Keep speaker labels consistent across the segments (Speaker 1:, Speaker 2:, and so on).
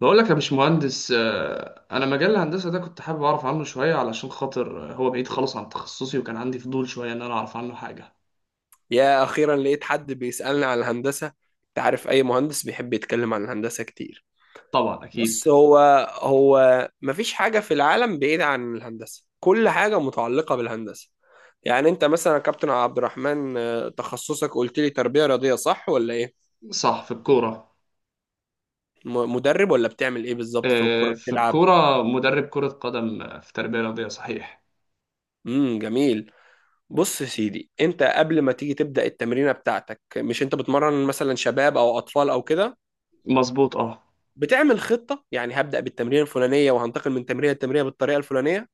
Speaker 1: بقول لك يا باشمهندس انا مجال الهندسه ده كنت حابب اعرف عنه شويه علشان خاطر هو بعيد خالص عن تخصصي وكان عندي فضول شويه ان انا اعرف عنه حاجه.
Speaker 2: يا أخيرا لقيت حد بيسألني عن الهندسة. أنت عارف أي مهندس بيحب يتكلم عن الهندسة كتير.
Speaker 1: طبعا اكيد.
Speaker 2: بص هو مفيش حاجة في العالم بعيدة عن الهندسة، كل حاجة متعلقة بالهندسة. يعني أنت مثلا يا كابتن عبد الرحمن، تخصصك قلت لي تربية رياضية، صح ولا إيه؟
Speaker 1: صح، في الكوره.
Speaker 2: مدرب ولا بتعمل إيه بالظبط في الكورة،
Speaker 1: في
Speaker 2: بتلعب؟
Speaker 1: الكوره مدرب كره قدم، في تربيه رياضيه صحيح.
Speaker 2: جميل. بص يا سيدي، انت قبل ما تيجي تبدأ التمرينة بتاعتك، مش انت بتمرن مثلا شباب او اطفال او كده،
Speaker 1: مظبوط، اه.
Speaker 2: بتعمل خطة؟ يعني هبدأ بالتمرين الفلانية وهنتقل من تمرين التمرية بالطريقة الفلانية.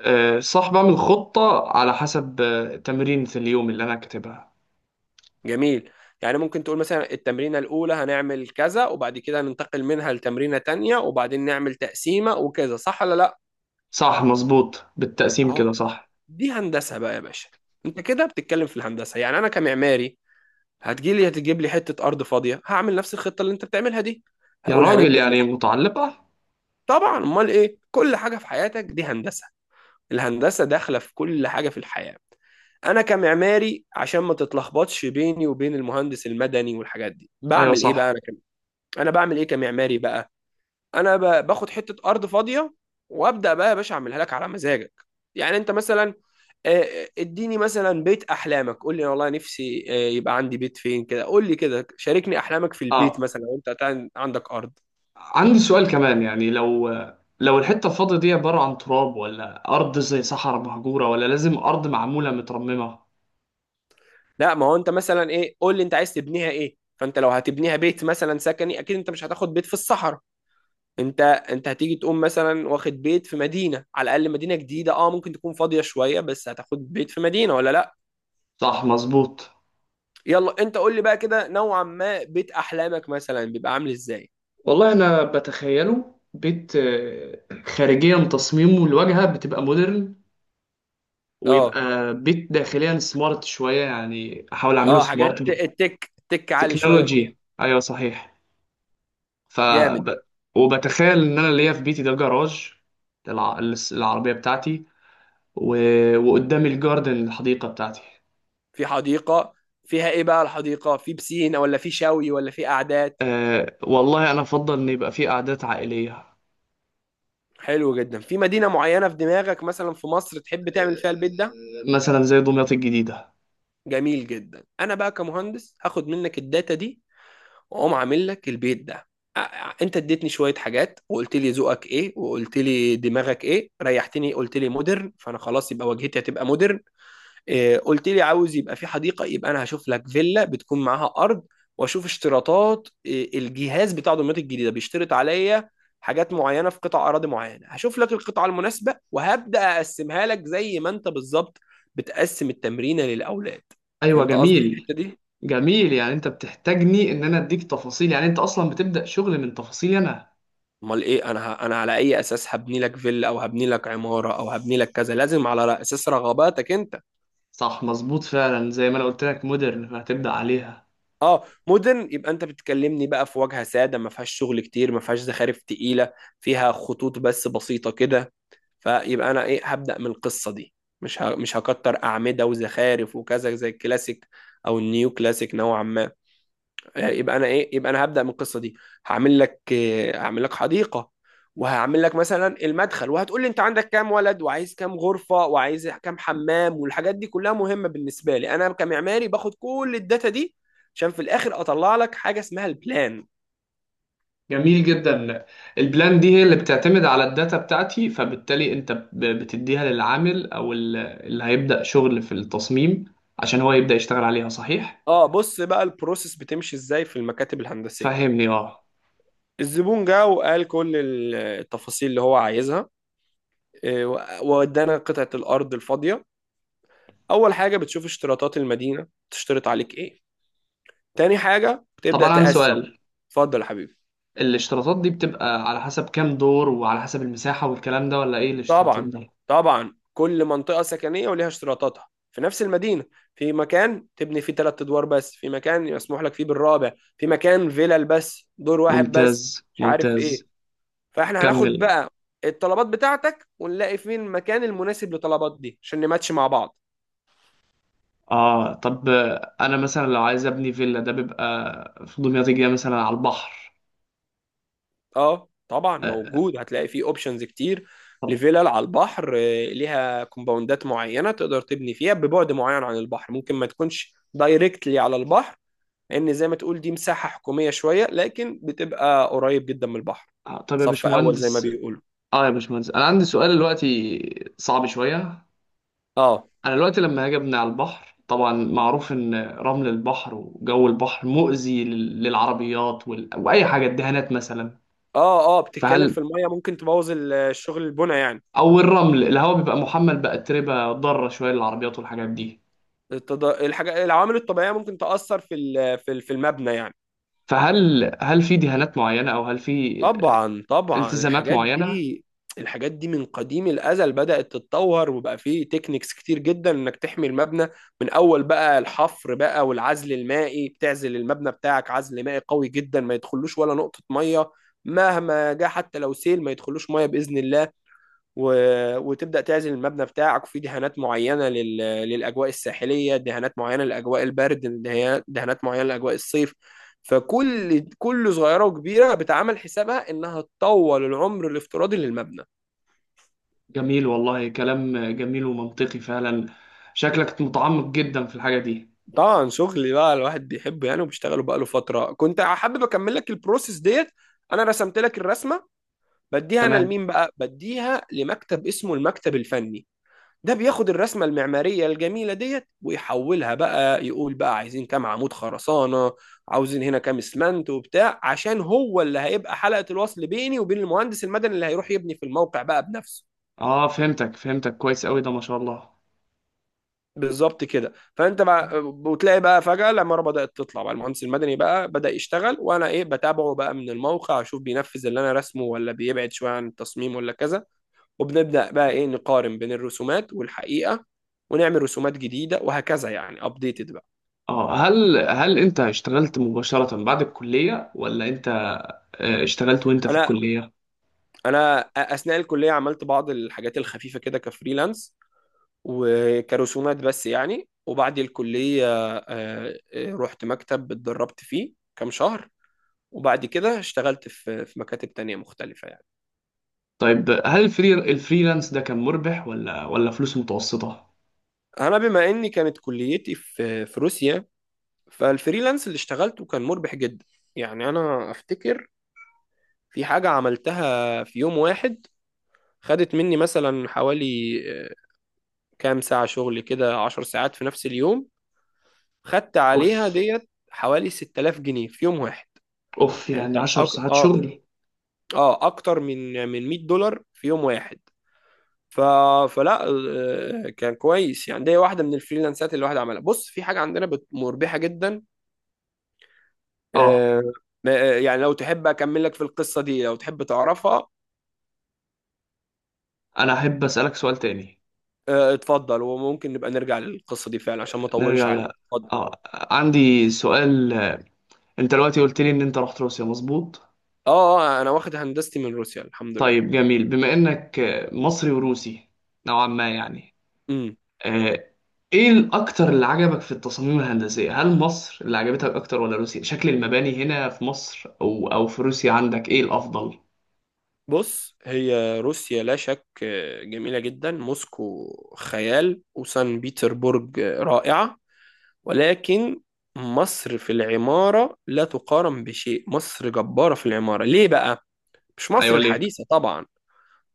Speaker 1: صح، بعمل خطه على حسب تمرينة اليوم اللي انا كاتبها.
Speaker 2: جميل. يعني ممكن تقول مثلا التمرينة الأولى هنعمل كذا وبعد كده ننتقل منها لتمرينة تانية وبعدين نعمل تقسيمة وكذا، صح ولا لا؟
Speaker 1: صح مظبوط، بالتقسيم
Speaker 2: أهو،
Speaker 1: كده صح.
Speaker 2: دي هندسة بقى يا باشا. أنت كده بتتكلم في الهندسة، يعني أنا كمعماري هتجيلي، هتجيب لي حتة أرض فاضية، هعمل نفس الخطة اللي أنت بتعملها دي.
Speaker 1: يا
Speaker 2: هقول
Speaker 1: راجل
Speaker 2: هنبدأ
Speaker 1: يعني متعلقه.
Speaker 2: طبعا، أمال إيه؟ كل حاجة في حياتك دي هندسة، الهندسة داخلة في كل حاجة في الحياة. انا كمعماري، عشان ما تتلخبطش بيني وبين المهندس المدني والحاجات دي،
Speaker 1: ايوه
Speaker 2: بعمل ايه بقى
Speaker 1: صح.
Speaker 2: انا انا بعمل ايه كمعماري بقى؟ انا باخد حته ارض فاضيه وابدا بقى يا باشا اعملها لك على مزاجك. يعني انت مثلا، آه، اديني مثلا بيت احلامك، قول لي والله نفسي، يبقى عندي بيت فين كده، قول لي كده، شاركني احلامك في البيت
Speaker 1: اه،
Speaker 2: مثلا وانت عندك ارض.
Speaker 1: عندي سؤال كمان، يعني لو الحتة الفاضية دي عبارة عن تراب ولا أرض زي صحراء مهجورة، ولا لازم أرض معمولة مترممة؟
Speaker 2: لا، ما هو انت مثلا ايه؟ قول لي انت عايز تبنيها ايه. فانت لو هتبنيها بيت مثلا سكني، اكيد انت مش هتاخد بيت في الصحراء. انت هتيجي تقوم مثلا واخد بيت في مدينه، على الاقل مدينه جديده، اه، ممكن تكون فاضيه شويه، بس هتاخد بيت في مدينه ولا لا.
Speaker 1: صح مظبوط.
Speaker 2: يلا انت قول لي بقى كده نوعا ما بيت احلامك مثلا بيبقى عامل ازاي.
Speaker 1: والله أنا بتخيله بيت، خارجيا تصميمه الواجهة بتبقى مودرن،
Speaker 2: اه
Speaker 1: ويبقى بيت داخليا سمارت شوية، يعني أحاول أعمله
Speaker 2: اه،
Speaker 1: سمارت.
Speaker 2: حاجات التك، التك عالي شويه فيها.
Speaker 1: بالتكنولوجي أيوه صحيح. ف
Speaker 2: جامد.
Speaker 1: ب- وبتخيل إن أنا ليا في بيتي ده جراج العربية بتاعتي، و... وقدامي الجاردن الحديقة بتاعتي.
Speaker 2: في حديقه، فيها ايه بقى الحديقه؟ في بسين ولا في شوي ولا في قعدات؟
Speaker 1: أه والله انا افضل ان يبقى في قعدات عائليه.
Speaker 2: حلو جدا. في مدينة معينة في دماغك مثلا في مصر تحب تعمل فيها البيت ده؟
Speaker 1: مثلا زي دمياط الجديده.
Speaker 2: جميل جدا. انا بقى كمهندس هاخد منك الداتا دي واقوم عامل لك البيت ده. انت اديتني شوية حاجات وقلت لي ذوقك ايه وقلت لي دماغك ايه، ريحتني. قلت لي مودرن، فانا خلاص يبقى واجهتي هتبقى مودرن. قلت لي عاوز يبقى في حديقة، يبقى أنا هشوف لك فيلا بتكون معاها أرض، وأشوف اشتراطات الجهاز بتاع دمياط الجديدة بيشترط عليا حاجات معينة في قطع أراضي معينة، هشوف لك القطعة المناسبة وهبدأ أقسمها لك زي ما أنت بالظبط بتقسم التمرينة للأولاد.
Speaker 1: ايوه
Speaker 2: فهمت قصدي في
Speaker 1: جميل.
Speaker 2: الحتة دي؟
Speaker 1: جميل، يعني انت بتحتاجني ان انا اديك تفاصيل، يعني انت اصلا بتبدا شغل من تفاصيلي انا.
Speaker 2: امال ايه. انا انا على اي اساس هبني لك فيلا او هبني لك عماره او هبني لك كذا؟ لازم على اساس رغباتك انت.
Speaker 1: صح مظبوط، فعلا زي ما انا قلت لك مودرن فهتبدا عليها.
Speaker 2: اه مدن، يبقى انت بتكلمني بقى في واجهة سادة ما فيهاش شغل كتير، ما فيهاش زخارف تقيلة، فيها خطوط بس بسيطة كده. فيبقى انا ايه؟ هبدأ من القصة دي. مش هكتر أعمدة وزخارف وكذا زي الكلاسيك او النيو كلاسيك نوعا ما. يبقى انا ايه؟ يبقى انا هبدا من القصه دي. هعمل لك، هعمل لك حديقه، وهعمل لك مثلا المدخل، وهتقول لي انت عندك كام ولد وعايز كام غرفه وعايز كام حمام، والحاجات دي كلها مهمه بالنسبه لي. انا كمعماري باخد كل الداتا دي عشان في الاخر اطلع لك حاجه اسمها البلان.
Speaker 1: جميل جدا. البلان دي هي اللي بتعتمد على الداتا بتاعتي، فبالتالي انت بتديها للعامل او اللي هيبدا شغل في التصميم عشان هو يبدا يشتغل عليها صحيح.
Speaker 2: اه، بص بقى البروسيس بتمشي ازاي في المكاتب الهندسيه.
Speaker 1: فهمني اه.
Speaker 2: الزبون جه وقال كل التفاصيل اللي هو عايزها، آه، وادانا قطعه الارض الفاضيه. اول حاجه بتشوف اشتراطات المدينه تشترط عليك ايه. تاني حاجة
Speaker 1: طب
Speaker 2: بتبدأ
Speaker 1: انا عندي
Speaker 2: تقسم.
Speaker 1: سؤال،
Speaker 2: اتفضل يا حبيبي.
Speaker 1: الاشتراطات دي بتبقى على حسب كام دور وعلى حسب المساحة والكلام ده، ولا ايه الاشتراطات
Speaker 2: طبعا،
Speaker 1: ده؟
Speaker 2: طبعا كل منطقة سكنية وليها اشتراطاتها في نفس المدينة. في مكان تبني فيه ثلاث أدوار بس، في مكان يسمح لك فيه بالرابع، في مكان فيلل بس دور واحد بس،
Speaker 1: ممتاز
Speaker 2: مش عارف
Speaker 1: ممتاز.
Speaker 2: إيه. فإحنا هناخد
Speaker 1: كمل.
Speaker 2: بقى الطلبات بتاعتك ونلاقي فين المكان المناسب للطلبات دي عشان نماتش مع بعض.
Speaker 1: اه، طب انا مثلا لو عايز ابني فيلا ده بيبقى في دمياط الجديدة مثلا على البحر.
Speaker 2: اه طبعا
Speaker 1: آه،
Speaker 2: موجود، هتلاقي فيه اوبشنز كتير
Speaker 1: طب.
Speaker 2: لفيلل على البحر. ليها كومباوندات معينه تقدر تبني فيها ببعد معين عن البحر، ممكن ما تكونش دايركتلي على البحر لان زي ما تقول دي مساحه حكوميه شويه، لكن بتبقى قريب جدا من البحر.
Speaker 1: طب يا
Speaker 2: صف اول زي ما
Speaker 1: باشمهندس.
Speaker 2: بيقولوا.
Speaker 1: اه يا باشمهندس، انا عندي سؤال دلوقتي صعب شوية.
Speaker 2: اه
Speaker 1: انا دلوقتي لما هاجي ابني على البحر، طبعا معروف ان رمل البحر وجو البحر مؤذي للعربيات واي حاجة، الدهانات مثلا.
Speaker 2: اه، اه بتتكلم
Speaker 1: فهل،
Speaker 2: في الميه، ممكن تبوظ الشغل البنى يعني.
Speaker 1: او الرمل الهواء بيبقى محمل بأتربة ضارة شوية للعربيات والحاجات دي.
Speaker 2: الحاجه، العوامل الطبيعيه ممكن تاثر في المبنى يعني.
Speaker 1: فهل هل في دهانات معينة، او هل في
Speaker 2: طبعا طبعا
Speaker 1: التزامات
Speaker 2: الحاجات
Speaker 1: معينة؟
Speaker 2: دي، الحاجات دي من قديم الازل بدات تتطور وبقى فيه تكنيكس كتير جدا انك تحمي المبنى. من اول بقى الحفر بقى، والعزل المائي بتعزل المبنى بتاعك عزل مائي قوي جدا ما يدخلوش ولا نقطه ميه مهما جه، حتى لو سيل ما يدخلوش ميه باذن الله. و... وتبدأ تعزل المبنى بتاعك، وفي دهانات معينة للأجواء الساحلية، دهانات معينة لأجواء البرد، دهانات معينة لأجواء الصيف. فكل صغيرة وكبيرة بتعمل حسابها إنها تطول العمر الافتراضي للمبنى.
Speaker 1: جميل والله، كلام جميل ومنطقي فعلا. شكلك متعمق جدا في الحاجة دي.
Speaker 2: طبعا شغلي بقى الواحد بيحبه يعني وبيشتغله بقاله فترة. كنت حابب أكمل لك البروسيس ديت. أنا رسمت لك الرسمة، بديها أنا
Speaker 1: تمام.
Speaker 2: لمين بقى؟ بديها لمكتب اسمه المكتب الفني. ده بياخد الرسمة المعمارية الجميلة ديت ويحولها بقى، يقول بقى عايزين كام عمود خرسانة، عاوزين هنا كام اسمنت وبتاع، عشان هو اللي هيبقى حلقة الوصل بيني وبين المهندس المدني اللي هيروح يبني في الموقع بقى بنفسه.
Speaker 1: اه فهمتك فهمتك كويس قوي، ده ما شاء الله.
Speaker 2: بالظبط كده. فانت بقى وتلاقي بقى فجأة العمارة بدأت تطلع بقى، المهندس المدني بقى بدأ يشتغل، وانا ايه؟ بتابعه بقى من الموقع، اشوف بينفذ اللي انا رسمه ولا بيبعد شوية عن التصميم ولا كذا. وبنبدأ بقى ايه، نقارن بين الرسومات والحقيقة، ونعمل رسومات جديدة، وهكذا يعني ابديتد.
Speaker 1: اه، هل هل انت اشتغلت مباشرة بعد الكلية، ولا انت اشتغلت وانت في
Speaker 2: انا
Speaker 1: الكلية؟
Speaker 2: انا اثناء الكليه عملت بعض الحاجات الخفيفه كده كفريلانس وكرسومات بس يعني. وبعد الكليه، رحت مكتب اتدربت فيه كام شهر، وبعد كده اشتغلت في مكاتب تانية مختلفة يعني.
Speaker 1: طيب هل الفري الفريلانس ده كان مربح، ولا ولا فلوس متوسطة؟
Speaker 2: أنا بما إني كانت كليتي في روسيا، فالفريلانس اللي اشتغلته كان مربح جدا. يعني أنا أفتكر في حاجة عملتها في يوم واحد، خدت مني مثلا حوالي، آه، كام ساعة شغل كده، عشر ساعات في نفس اليوم، خدت عليها
Speaker 1: اوف.
Speaker 2: ديت حوالي 6000 جنيه في يوم واحد.
Speaker 1: اوف،
Speaker 2: يعني
Speaker 1: يعني
Speaker 2: انت
Speaker 1: عشر ساعات
Speaker 2: اه
Speaker 1: شغل.
Speaker 2: اه، اكتر من 100 دولار في يوم واحد. ف... فلا، كان كويس يعني. دي واحده من الفريلانسات اللي الواحد عملها. بص، في حاجه عندنا مربحه جدا،
Speaker 1: اه.
Speaker 2: آه، آه، يعني لو تحب اكمل لك في القصه دي لو تحب تعرفها.
Speaker 1: انا احب اسالك سؤال تاني.
Speaker 2: اتفضل، وممكن نبقى نرجع للقصه دي فعلا عشان ما اطولش
Speaker 1: نرجع
Speaker 2: عليك.
Speaker 1: ل،
Speaker 2: اتفضل.
Speaker 1: اه، عندي سؤال. انت دلوقتي قلت لي ان انت رحت روسيا مظبوط؟
Speaker 2: اه، انا واخد هندستي من روسيا الحمد
Speaker 1: طيب
Speaker 2: لله.
Speaker 1: جميل، بما انك مصري وروسي نوعا ما يعني.
Speaker 2: امم
Speaker 1: آه، ايه الاكتر اللي عجبك في التصاميم الهندسية؟ هل مصر اللي عجبتك اكتر ولا روسيا؟ شكل المباني هنا في مصر او او في روسيا، عندك ايه الافضل؟
Speaker 2: بص، هي روسيا لا شك جميلة جدا. موسكو خيال، وسان بيتربورج رائعة. ولكن مصر في العمارة لا تقارن بشيء. مصر جبارة في العمارة. ليه بقى؟ مش مصر
Speaker 1: ايوه ليه.
Speaker 2: الحديثة طبعا،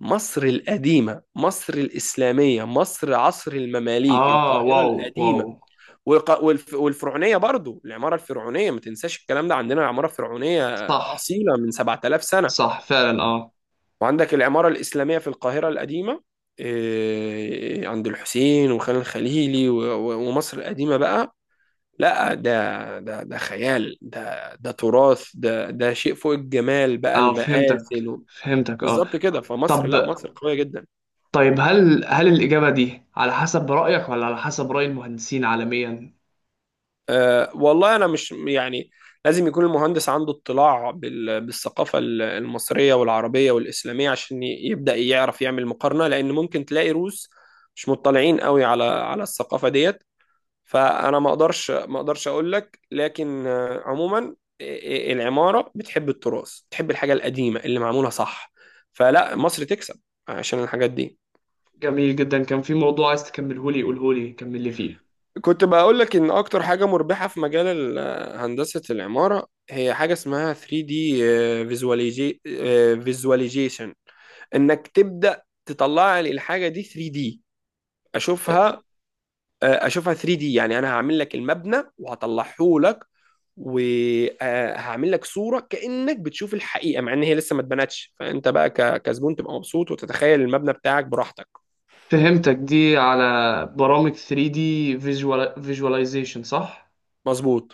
Speaker 2: مصر القديمة، مصر الإسلامية، مصر عصر المماليك،
Speaker 1: اه
Speaker 2: القاهرة
Speaker 1: واو. واو.
Speaker 2: القديمة. والفرعونية برضو، العمارة الفرعونية ما تنساش الكلام ده، عندنا عمارة فرعونية
Speaker 1: صح.
Speaker 2: أصيلة من 7000 سنة.
Speaker 1: صح فعلا اه.
Speaker 2: وعندك العمارة الإسلامية في القاهرة القديمة، عند الحسين وخان الخليلي ومصر القديمة بقى. لا ده خيال، ده تراث، ده ده شيء فوق الجمال بقى،
Speaker 1: اه فهمتك فهمتك اه.
Speaker 2: بالظبط كده. فمصر
Speaker 1: طب.
Speaker 2: لا، مصر قوية جدا.
Speaker 1: طيب هل هل الإجابة دي على حسب رأيك ولا على حسب رأي المهندسين عالميا؟
Speaker 2: أه والله أنا مش يعني، لازم يكون المهندس عنده اطلاع بالثقافة المصرية والعربية والإسلامية عشان يبدأ يعرف يعمل مقارنة. لأن ممكن تلاقي روس مش مطلعين قوي على الثقافة ديت. فانا ما اقدرش اقول لك. لكن عموما العماره بتحب التراث، بتحب الحاجه القديمه اللي معموله صح. فلا، مصر تكسب عشان الحاجات دي.
Speaker 1: جميل جدا. كان في موضوع عايز تكمله لي، قوله لي، كمل لي فيه.
Speaker 2: كنت بقول لك ان اكتر حاجه مربحه في مجال هندسه العماره، هي حاجه اسمها 3D فيزواليزيشن. انك تبدا تطلع لي الحاجه دي 3D اشوفها، اشوفها 3 دي. يعني انا هعمل لك المبنى وهطلعه لك، وهعمل لك صوره كانك بتشوف الحقيقه مع ان هي لسه ما اتبنتش، فانت بقى كزبون تبقى مبسوط وتتخيل المبنى بتاعك براحتك.
Speaker 1: فهمتك، دي على برامج 3D visualization صح؟
Speaker 2: مظبوط.